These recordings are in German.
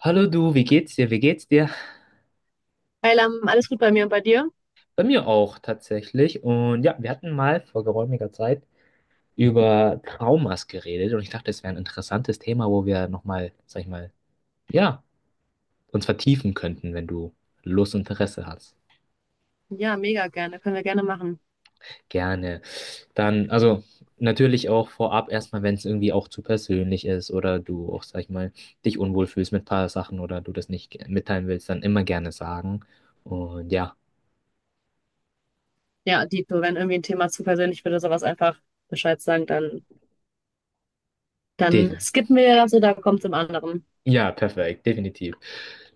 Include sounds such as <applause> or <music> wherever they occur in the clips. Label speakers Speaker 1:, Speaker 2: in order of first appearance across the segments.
Speaker 1: Hallo du, wie geht's dir?
Speaker 2: Hey Lam, alles gut bei mir und bei dir?
Speaker 1: Bei mir auch tatsächlich. Und ja, wir hatten mal vor geräumiger Zeit über Traumas geredet und ich dachte, es wäre ein interessantes Thema, wo wir nochmal, sag ich mal, ja, uns vertiefen könnten, wenn du Lust und Interesse hast.
Speaker 2: Ja, mega gerne. Können wir gerne machen.
Speaker 1: Gerne. Dann, also natürlich auch vorab erstmal, wenn es irgendwie auch zu persönlich ist oder du auch, sag ich mal, dich unwohl fühlst mit ein paar Sachen oder du das nicht mitteilen willst, dann immer gerne sagen. Und ja,
Speaker 2: Ja, dito, wenn irgendwie ein Thema zu persönlich wird oder sowas, einfach Bescheid sagen, dann,
Speaker 1: def
Speaker 2: dann skippen wir das oder kommt zum anderen.
Speaker 1: ja, perfekt, definitiv.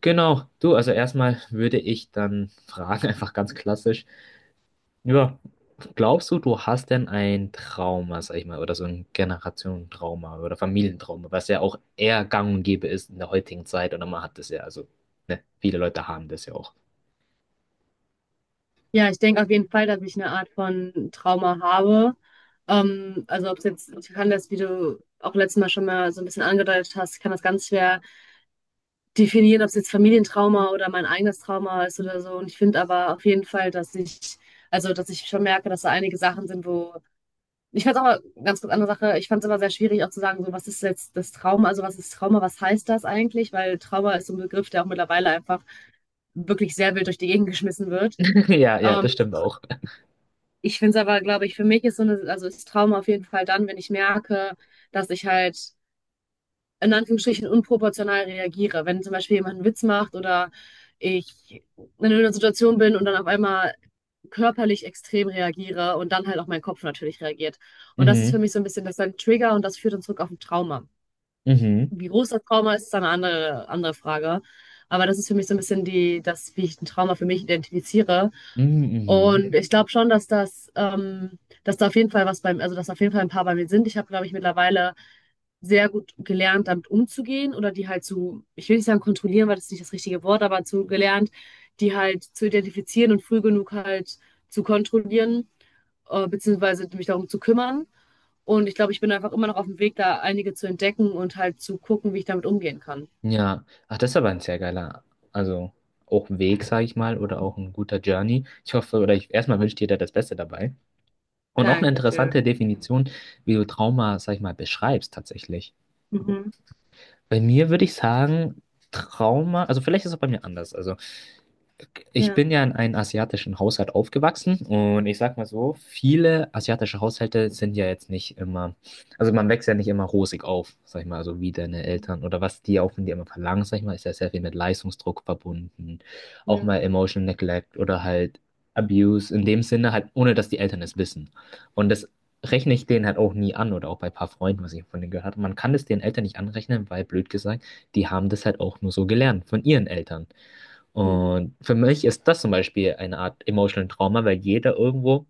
Speaker 1: Genau, du, also erstmal würde ich dann fragen, <laughs> einfach ganz klassisch, ja, glaubst du, du hast denn ein Trauma, sag ich mal, oder so ein Generationentrauma oder Familientrauma, was ja auch eher gang und gäbe ist in der heutigen Zeit oder man hat das ja, also, ne, viele Leute haben das ja auch.
Speaker 2: Ja, ich denke auf jeden Fall, dass ich eine Art von Trauma habe. Also ob es jetzt, ich kann das, wie du auch letztes Mal schon mal so ein bisschen angedeutet hast, ich kann das ganz schwer definieren, ob es jetzt Familientrauma oder mein eigenes Trauma ist oder so. Und ich finde aber auf jeden Fall, dass ich, also dass ich schon merke, dass da einige Sachen sind, wo. Ich fand es aber ganz kurz andere Sache. Ich fand es immer sehr schwierig, auch zu sagen, so, was ist jetzt das Trauma? Also, was ist Trauma? Was heißt das eigentlich? Weil Trauma ist so ein Begriff, der auch mittlerweile einfach wirklich sehr wild durch die Gegend geschmissen wird.
Speaker 1: <laughs> Ja, ja, das
Speaker 2: Ähm,
Speaker 1: stimmt auch. <laughs>
Speaker 2: ich finde es aber, glaube ich, für mich ist so eine, also ist Trauma auf jeden Fall dann, wenn ich merke, dass ich halt in Anführungsstrichen unproportional reagiere. Wenn zum Beispiel jemand einen Witz macht oder ich in einer Situation bin und dann auf einmal körperlich extrem reagiere und dann halt auch mein Kopf natürlich reagiert. Und das ist für
Speaker 1: Mhm,
Speaker 2: mich so ein bisschen, das ist ein Trigger und das führt uns zurück auf ein Trauma.
Speaker 1: mhm,
Speaker 2: Wie groß das Trauma ist, ist eine andere, andere Frage. Aber das ist für mich so ein bisschen die, das, wie ich ein Trauma für mich identifiziere.
Speaker 1: mhm, mhm.
Speaker 2: Und ich glaube schon, dass das, dass da auf jeden Fall was beim, also dass auf jeden Fall ein paar bei mir sind. Ich habe, glaube ich, mittlerweile sehr gut gelernt, damit umzugehen oder die halt zu, ich will nicht sagen kontrollieren, weil das ist nicht das richtige Wort, aber zu gelernt, die halt zu identifizieren und früh genug halt zu kontrollieren, beziehungsweise mich darum zu kümmern. Und ich glaube, ich bin einfach immer noch auf dem Weg, da einige zu entdecken und halt zu gucken, wie ich damit umgehen kann.
Speaker 1: Ja, ach, das ist aber ein sehr geiler, also auch Weg, sag ich mal, oder auch ein guter Journey. Ich hoffe, oder ich, erstmal wünsche dir da das Beste dabei. Und auch eine
Speaker 2: Dankeschön.
Speaker 1: interessante Definition, wie du Trauma, sag ich mal, beschreibst tatsächlich.
Speaker 2: Mhm.
Speaker 1: Bei mir würde ich sagen, Trauma, also vielleicht ist es auch bei mir anders. Also ich
Speaker 2: Ja,
Speaker 1: bin ja in einem asiatischen Haushalt aufgewachsen und ich sag mal so, viele asiatische Haushalte sind ja jetzt nicht immer, also man wächst ja nicht immer rosig auf, sag ich mal, also wie deine Eltern oder was die auch von dir immer verlangen, sag ich mal, ist ja sehr viel mit Leistungsdruck verbunden, auch
Speaker 2: ja.
Speaker 1: mal Emotional Neglect oder halt Abuse, in dem Sinne halt, ohne dass die Eltern es wissen. Und das rechne ich denen halt auch nie an oder auch bei ein paar Freunden, was ich von denen gehört habe. Man kann das den Eltern nicht anrechnen, weil blöd gesagt, die haben das halt auch nur so gelernt von ihren Eltern.
Speaker 2: Mhm.
Speaker 1: Und für mich ist das zum Beispiel eine Art Emotional Trauma, weil jeder irgendwo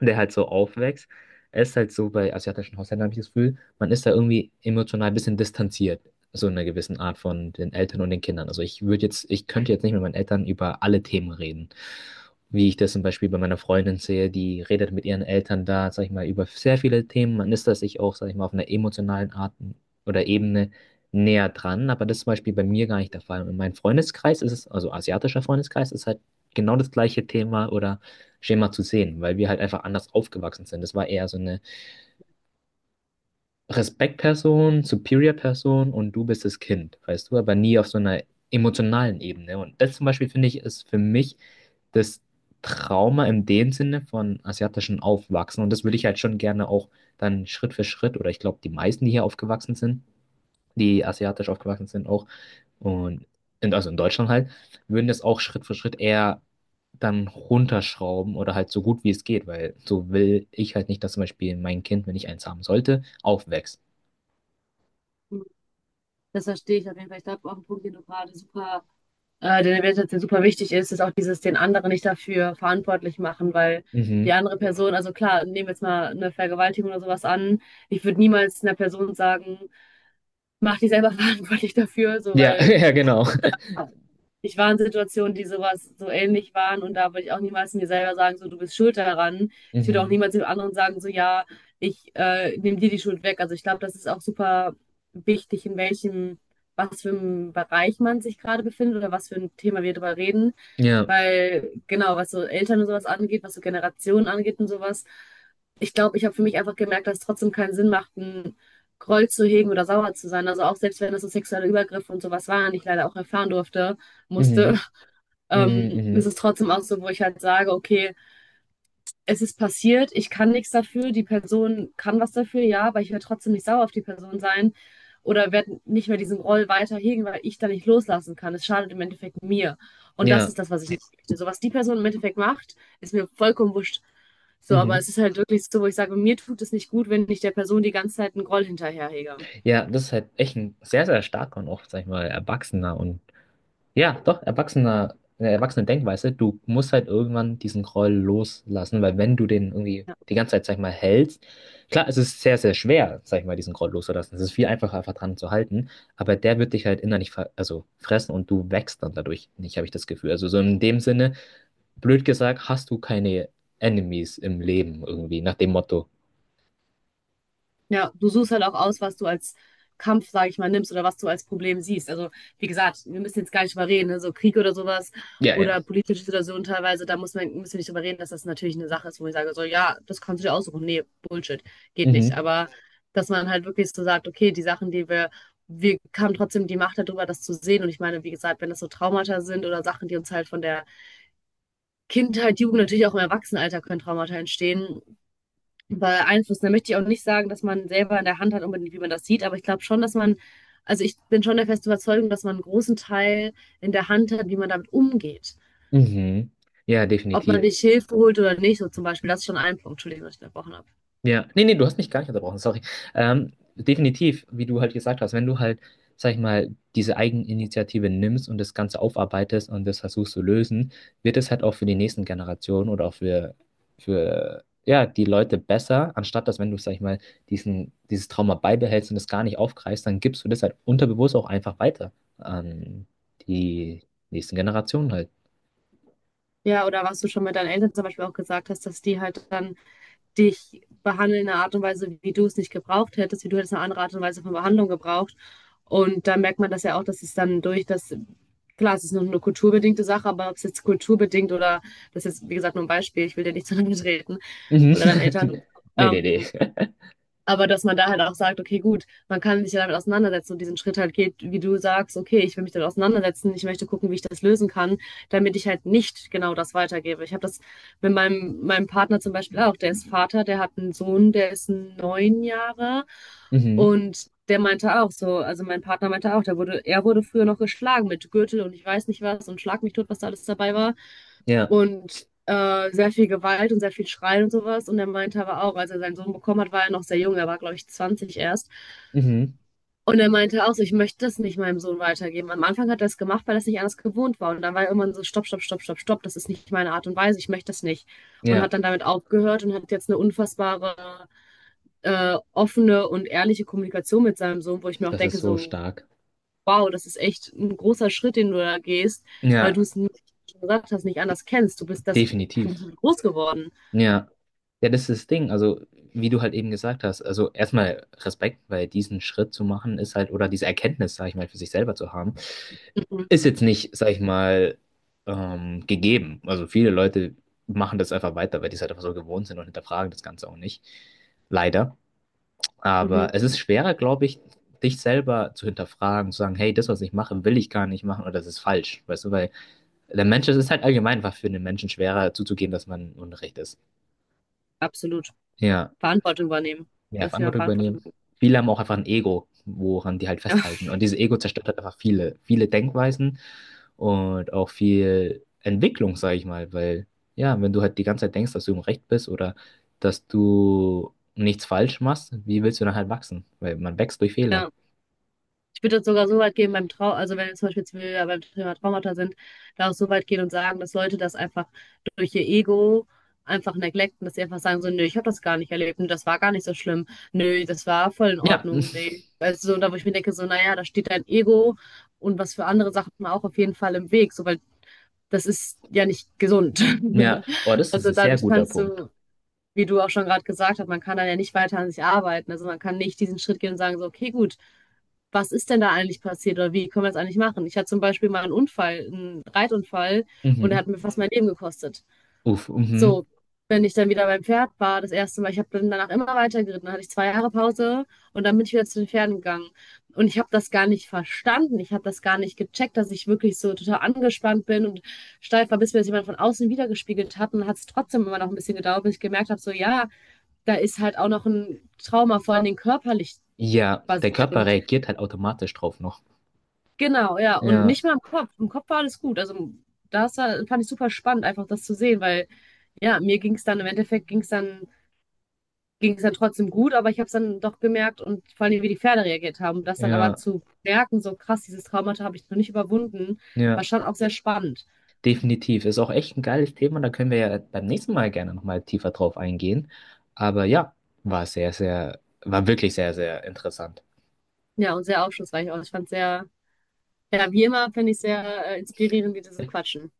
Speaker 1: der halt so aufwächst. Es ist halt so bei asiatischen Haushalten, habe ich das Gefühl, man ist da irgendwie emotional ein bisschen distanziert, so in einer gewissen Art von den Eltern und den Kindern. Also ich würde jetzt, ich könnte jetzt nicht mit meinen Eltern über alle Themen reden. Wie ich das zum Beispiel bei meiner Freundin sehe, die redet mit ihren Eltern da, sag ich mal, über sehr viele Themen. Man ist da sich auch, sag ich mal, auf einer emotionalen Art oder Ebene näher dran, aber das ist zum Beispiel bei mir gar nicht der Fall. Und in meinem Freundeskreis ist es, also asiatischer Freundeskreis, ist halt genau das gleiche Thema oder Schema zu sehen, weil wir halt einfach anders aufgewachsen sind. Das war eher so eine Respektperson, Superior-Person und du bist das Kind, weißt du, aber nie auf so einer emotionalen Ebene. Und das zum Beispiel finde ich ist für mich das Trauma in dem Sinne von asiatischen Aufwachsen. Und das würde ich halt schon gerne auch dann Schritt für Schritt oder ich glaube, die meisten, die hier aufgewachsen sind, die asiatisch aufgewachsen sind auch und in, also in Deutschland halt, würden das auch Schritt für Schritt eher dann runterschrauben oder halt so gut wie es geht, weil so will ich halt nicht, dass zum Beispiel mein Kind, wenn ich eins haben sollte, aufwächst.
Speaker 2: Mhm. Das verstehe ich auf jeden Fall. Ich glaube, auch ein Punkt, den du gerade super der Wertschätzung super wichtig ist, ist auch dieses den anderen nicht dafür verantwortlich machen, weil die
Speaker 1: Mhm.
Speaker 2: andere Person, also klar, nehmen wir jetzt mal eine Vergewaltigung oder sowas an, ich würde niemals einer Person sagen, mach dich selber <laughs> verantwortlich dafür, so
Speaker 1: Ja, <laughs>
Speaker 2: weil
Speaker 1: ja, genau.
Speaker 2: ich war in Situationen, die sowas so ähnlich waren und da würde ich auch niemals mir selber sagen, so du bist schuld daran. Ich würde auch
Speaker 1: Mhm.
Speaker 2: niemals dem anderen sagen, so ja, ich nehme dir die Schuld weg. Also ich glaube, das ist auch super wichtig, in welchem, was für einem Bereich man sich gerade befindet oder was für ein Thema wir darüber reden.
Speaker 1: Ja.
Speaker 2: Weil genau, was so Eltern und sowas angeht, was so Generationen angeht und sowas, ich glaube, ich habe für mich einfach gemerkt, dass es trotzdem keinen Sinn macht, einen Groll zu hegen oder sauer zu sein. Also auch selbst wenn das so sexuelle Übergriffe und sowas waren, die ich leider auch erfahren durfte, musste.
Speaker 1: Mhm. Mhm.
Speaker 2: Ist
Speaker 1: Mhm.
Speaker 2: es trotzdem auch so, wo ich halt sage, okay, es ist passiert, ich kann nichts dafür, die Person kann was dafür, ja, aber ich werde trotzdem nicht sauer auf die Person sein oder werde nicht mehr diesen Roll weiterhegen, weil ich da nicht loslassen kann. Es schadet im Endeffekt mir. Und das
Speaker 1: Ja.
Speaker 2: ist das, was ich nicht möchte. So was die Person im Endeffekt macht, ist mir vollkommen wurscht. So, aber
Speaker 1: Mhm.
Speaker 2: es ist halt wirklich so, wo ich sage, mir tut es nicht gut, wenn ich der Person die ganze Zeit einen Groll hinterherhege. Ja.
Speaker 1: Ja, das ist halt echt ein sehr, sehr starker und auch, sag ich mal, erwachsener und ja, doch, erwachsener, eine erwachsene Denkweise. Du musst halt irgendwann diesen Groll loslassen, weil wenn du den irgendwie die ganze Zeit, sag ich mal, hältst, klar, es ist sehr, sehr schwer, sag ich mal, diesen Groll loszulassen. Es ist viel einfacher, einfach dran zu halten, aber der wird dich halt innerlich ver also fressen und du wächst dann dadurch nicht, habe ich das Gefühl. Also so in dem Sinne, blöd gesagt, hast du keine Enemies im Leben irgendwie, nach dem Motto.
Speaker 2: Ja, du suchst halt auch aus, was du als Kampf, sage ich mal, nimmst oder was du als Problem siehst. Also, wie gesagt, wir müssen jetzt gar nicht drüber reden, ne? So Krieg oder sowas
Speaker 1: Ja, ja.
Speaker 2: oder politische Situationen teilweise, da muss man, müssen wir nicht drüber reden, dass das natürlich eine Sache ist, wo ich sage, so, ja, das kannst du dir aussuchen. Nee, Bullshit, geht nicht.
Speaker 1: Mhm.
Speaker 2: Aber dass man halt wirklich so sagt, okay, die Sachen, die wir, wir haben trotzdem die Macht darüber, das zu sehen. Und ich meine, wie gesagt, wenn das so Traumata sind oder Sachen, die uns halt von der Kindheit, Jugend, natürlich auch im Erwachsenenalter können Traumata entstehen, beeinflussen. Da möchte ich auch nicht sagen, dass man selber in der Hand hat, unbedingt, wie man das sieht, aber ich glaube schon, dass man, also ich bin schon der festen Überzeugung, dass man einen großen Teil in der Hand hat, wie man damit umgeht.
Speaker 1: Mhm. Ja,
Speaker 2: Ob man
Speaker 1: definitiv.
Speaker 2: sich Hilfe holt oder nicht, so zum Beispiel, das ist schon ein Punkt, Entschuldigung, dass ich unterbrochen habe.
Speaker 1: Ja, nee, nee, du hast mich gar nicht unterbrochen, sorry. Definitiv, wie du halt gesagt hast, wenn du halt, sag ich mal, diese Eigeninitiative nimmst und das Ganze aufarbeitest und das versuchst zu lösen, wird es halt auch für die nächsten Generationen oder auch für ja, die Leute besser, anstatt dass, wenn du, sag ich mal, dieses Trauma beibehältst und es gar nicht aufgreifst, dann gibst du das halt unterbewusst auch einfach weiter an die nächsten Generationen halt.
Speaker 2: Ja, oder was du schon mit deinen Eltern zum Beispiel auch gesagt hast, dass die halt dann dich behandeln in einer Art und Weise, wie du es nicht gebraucht hättest, wie du hättest eine andere Art und Weise von Behandlung gebraucht. Und da merkt man das ja auch, dass es dann durch das, klar, es ist noch eine kulturbedingte Sache, aber ob es jetzt kulturbedingt oder, das ist jetzt, wie gesagt, nur ein Beispiel, ich will dir nicht zu lange <laughs> treten
Speaker 1: Mhm.
Speaker 2: oder deinen Eltern,
Speaker 1: <laughs> Nee, nee,
Speaker 2: ähm,
Speaker 1: nee.
Speaker 2: aber dass man da halt auch sagt, okay, gut, man kann sich ja damit auseinandersetzen und diesen Schritt halt geht, wie du sagst, okay, ich will mich damit auseinandersetzen, ich möchte gucken, wie ich das lösen kann, damit ich halt nicht genau das weitergebe. Ich habe das mit meinem Partner zum Beispiel auch, der ist Vater, der hat einen Sohn, der ist 9 Jahre
Speaker 1: Mhm.
Speaker 2: und der meinte auch so, also mein Partner meinte auch, der wurde, er wurde früher noch geschlagen mit Gürtel und ich weiß nicht was und Schlag mich tot, was da alles dabei war
Speaker 1: Ja.
Speaker 2: und sehr viel Gewalt und sehr viel Schreien und sowas. Und er meinte aber auch, als er seinen Sohn bekommen hat, war er noch sehr jung, er war, glaube ich, 20 erst.
Speaker 1: Mhm.
Speaker 2: Und er meinte auch so, ich möchte das nicht meinem Sohn weitergeben. Am Anfang hat er es gemacht, weil er es nicht anders gewohnt war. Und dann war er irgendwann so, stopp, stopp, stopp, stopp, stopp, das ist nicht meine Art und Weise, ich möchte das nicht. Und hat
Speaker 1: Ja.
Speaker 2: dann damit aufgehört und hat jetzt eine unfassbare, offene und ehrliche Kommunikation mit seinem Sohn, wo ich mir auch
Speaker 1: Das ist
Speaker 2: denke,
Speaker 1: so
Speaker 2: so,
Speaker 1: stark.
Speaker 2: wow, das ist echt ein großer Schritt, den du da gehst, weil du
Speaker 1: Ja,
Speaker 2: es nicht, wie du schon gesagt hast, nicht anders kennst. Du bist das, du
Speaker 1: definitiv.
Speaker 2: bist groß geworden.
Speaker 1: Ja. Ja, das ist das Ding. Also, wie du halt eben gesagt hast, also erstmal Respekt, weil diesen Schritt zu machen ist halt, oder diese Erkenntnis, sag ich mal, für sich selber zu haben,
Speaker 2: Mhm.
Speaker 1: ist jetzt nicht, sag ich mal, gegeben. Also viele Leute machen das einfach weiter, weil die es halt einfach so gewohnt sind und hinterfragen das Ganze auch nicht. Leider.
Speaker 2: Mhm.
Speaker 1: Aber es ist schwerer, glaube ich, dich selber zu hinterfragen, zu sagen, hey, das, was ich mache, will ich gar nicht machen oder das ist falsch. Weißt du, weil der Mensch, es ist halt allgemein einfach für den Menschen schwerer zuzugeben, dass man Unrecht ist.
Speaker 2: Absolut.
Speaker 1: Ja,
Speaker 2: Verantwortung übernehmen.
Speaker 1: mehr
Speaker 2: Das Thema
Speaker 1: Verantwortung
Speaker 2: Verantwortung
Speaker 1: übernehmen.
Speaker 2: übernehmen.
Speaker 1: Viele haben auch einfach ein Ego, woran die halt
Speaker 2: Ja.
Speaker 1: festhalten. Und dieses Ego zerstört halt einfach viele, viele Denkweisen und auch viel Entwicklung, sage ich mal. Weil, ja, wenn du halt die ganze Zeit denkst, dass du im Recht bist oder dass du nichts falsch machst, wie willst du dann halt wachsen? Weil man wächst durch Fehler.
Speaker 2: Ja. Ich würde das sogar so weit gehen beim Trau, also wenn wir zum Beispiel jetzt wieder beim Thema Traumata sind, da auch so weit gehen und sagen, dass Leute das einfach durch ihr Ego einfach neglecten, dass sie einfach sagen so, nö, ich habe das gar nicht erlebt und das war gar nicht so schlimm. Nö, das war voll in
Speaker 1: Ja,
Speaker 2: Ordnung. Nee. Weißt du, so, da wo ich mir denke, so, naja, da steht dein Ego und was für andere Sachen auch auf jeden Fall im Weg, so, weil das ist ja nicht gesund.
Speaker 1: <laughs> ja, oh,
Speaker 2: <laughs>
Speaker 1: das ist
Speaker 2: Also
Speaker 1: ein
Speaker 2: dann
Speaker 1: sehr guter
Speaker 2: kannst
Speaker 1: Punkt.
Speaker 2: du, wie du auch schon gerade gesagt hast, man kann dann ja nicht weiter an sich arbeiten. Also man kann nicht diesen Schritt gehen und sagen, so, okay, gut, was ist denn da eigentlich passiert oder wie können wir das eigentlich machen? Ich hatte zum Beispiel mal einen Unfall, einen Reitunfall und der
Speaker 1: Mhm.
Speaker 2: hat mir fast mein Leben gekostet.
Speaker 1: Uff, mhm.
Speaker 2: So, wenn ich dann wieder beim Pferd war, das erste Mal, ich habe dann danach immer weiter geritten, dann hatte ich 2 Jahre Pause und dann bin ich wieder zu den Pferden gegangen. Und ich habe das gar nicht verstanden, ich habe das gar nicht gecheckt, dass ich wirklich so total angespannt bin und steif war, bis mir das jemand von außen wiedergespiegelt hat. Und hat es trotzdem immer noch ein bisschen gedauert, bis ich gemerkt habe, so ja, da ist halt auch noch ein Trauma, vor allen Dingen körperlich
Speaker 1: Ja, dein Körper
Speaker 2: basierend.
Speaker 1: reagiert halt automatisch drauf noch.
Speaker 2: Genau, ja. Und
Speaker 1: Ja,
Speaker 2: nicht mal im Kopf. Im Kopf war alles gut. Also das war, fand ich super spannend, einfach das zu sehen, weil ja, mir ging es dann im Endeffekt ging es dann trotzdem gut, aber ich habe es dann doch gemerkt und vor allem, wie die Pferde reagiert haben. Das dann aber
Speaker 1: ja,
Speaker 2: zu merken, so krass, dieses Traumata habe ich noch nicht überwunden, war
Speaker 1: ja,
Speaker 2: schon auch sehr spannend.
Speaker 1: definitiv. Ist auch echt ein geiles Thema. Da können wir ja beim nächsten Mal gerne nochmal tiefer drauf eingehen. Aber ja, war wirklich sehr, sehr interessant.
Speaker 2: Ja, und sehr aufschlussreich. Auch ich fand sehr, ja, wie immer finde ich sehr inspirierend, wie die so quatschen.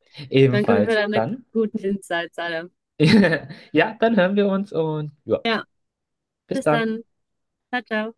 Speaker 2: Danke für
Speaker 1: Ebenfalls
Speaker 2: deine
Speaker 1: dann.
Speaker 2: guten Insights, alle.
Speaker 1: <laughs> Ja, dann hören wir uns und ja,
Speaker 2: Ja.
Speaker 1: bis
Speaker 2: Bis
Speaker 1: dann.
Speaker 2: dann. Ciao, ciao.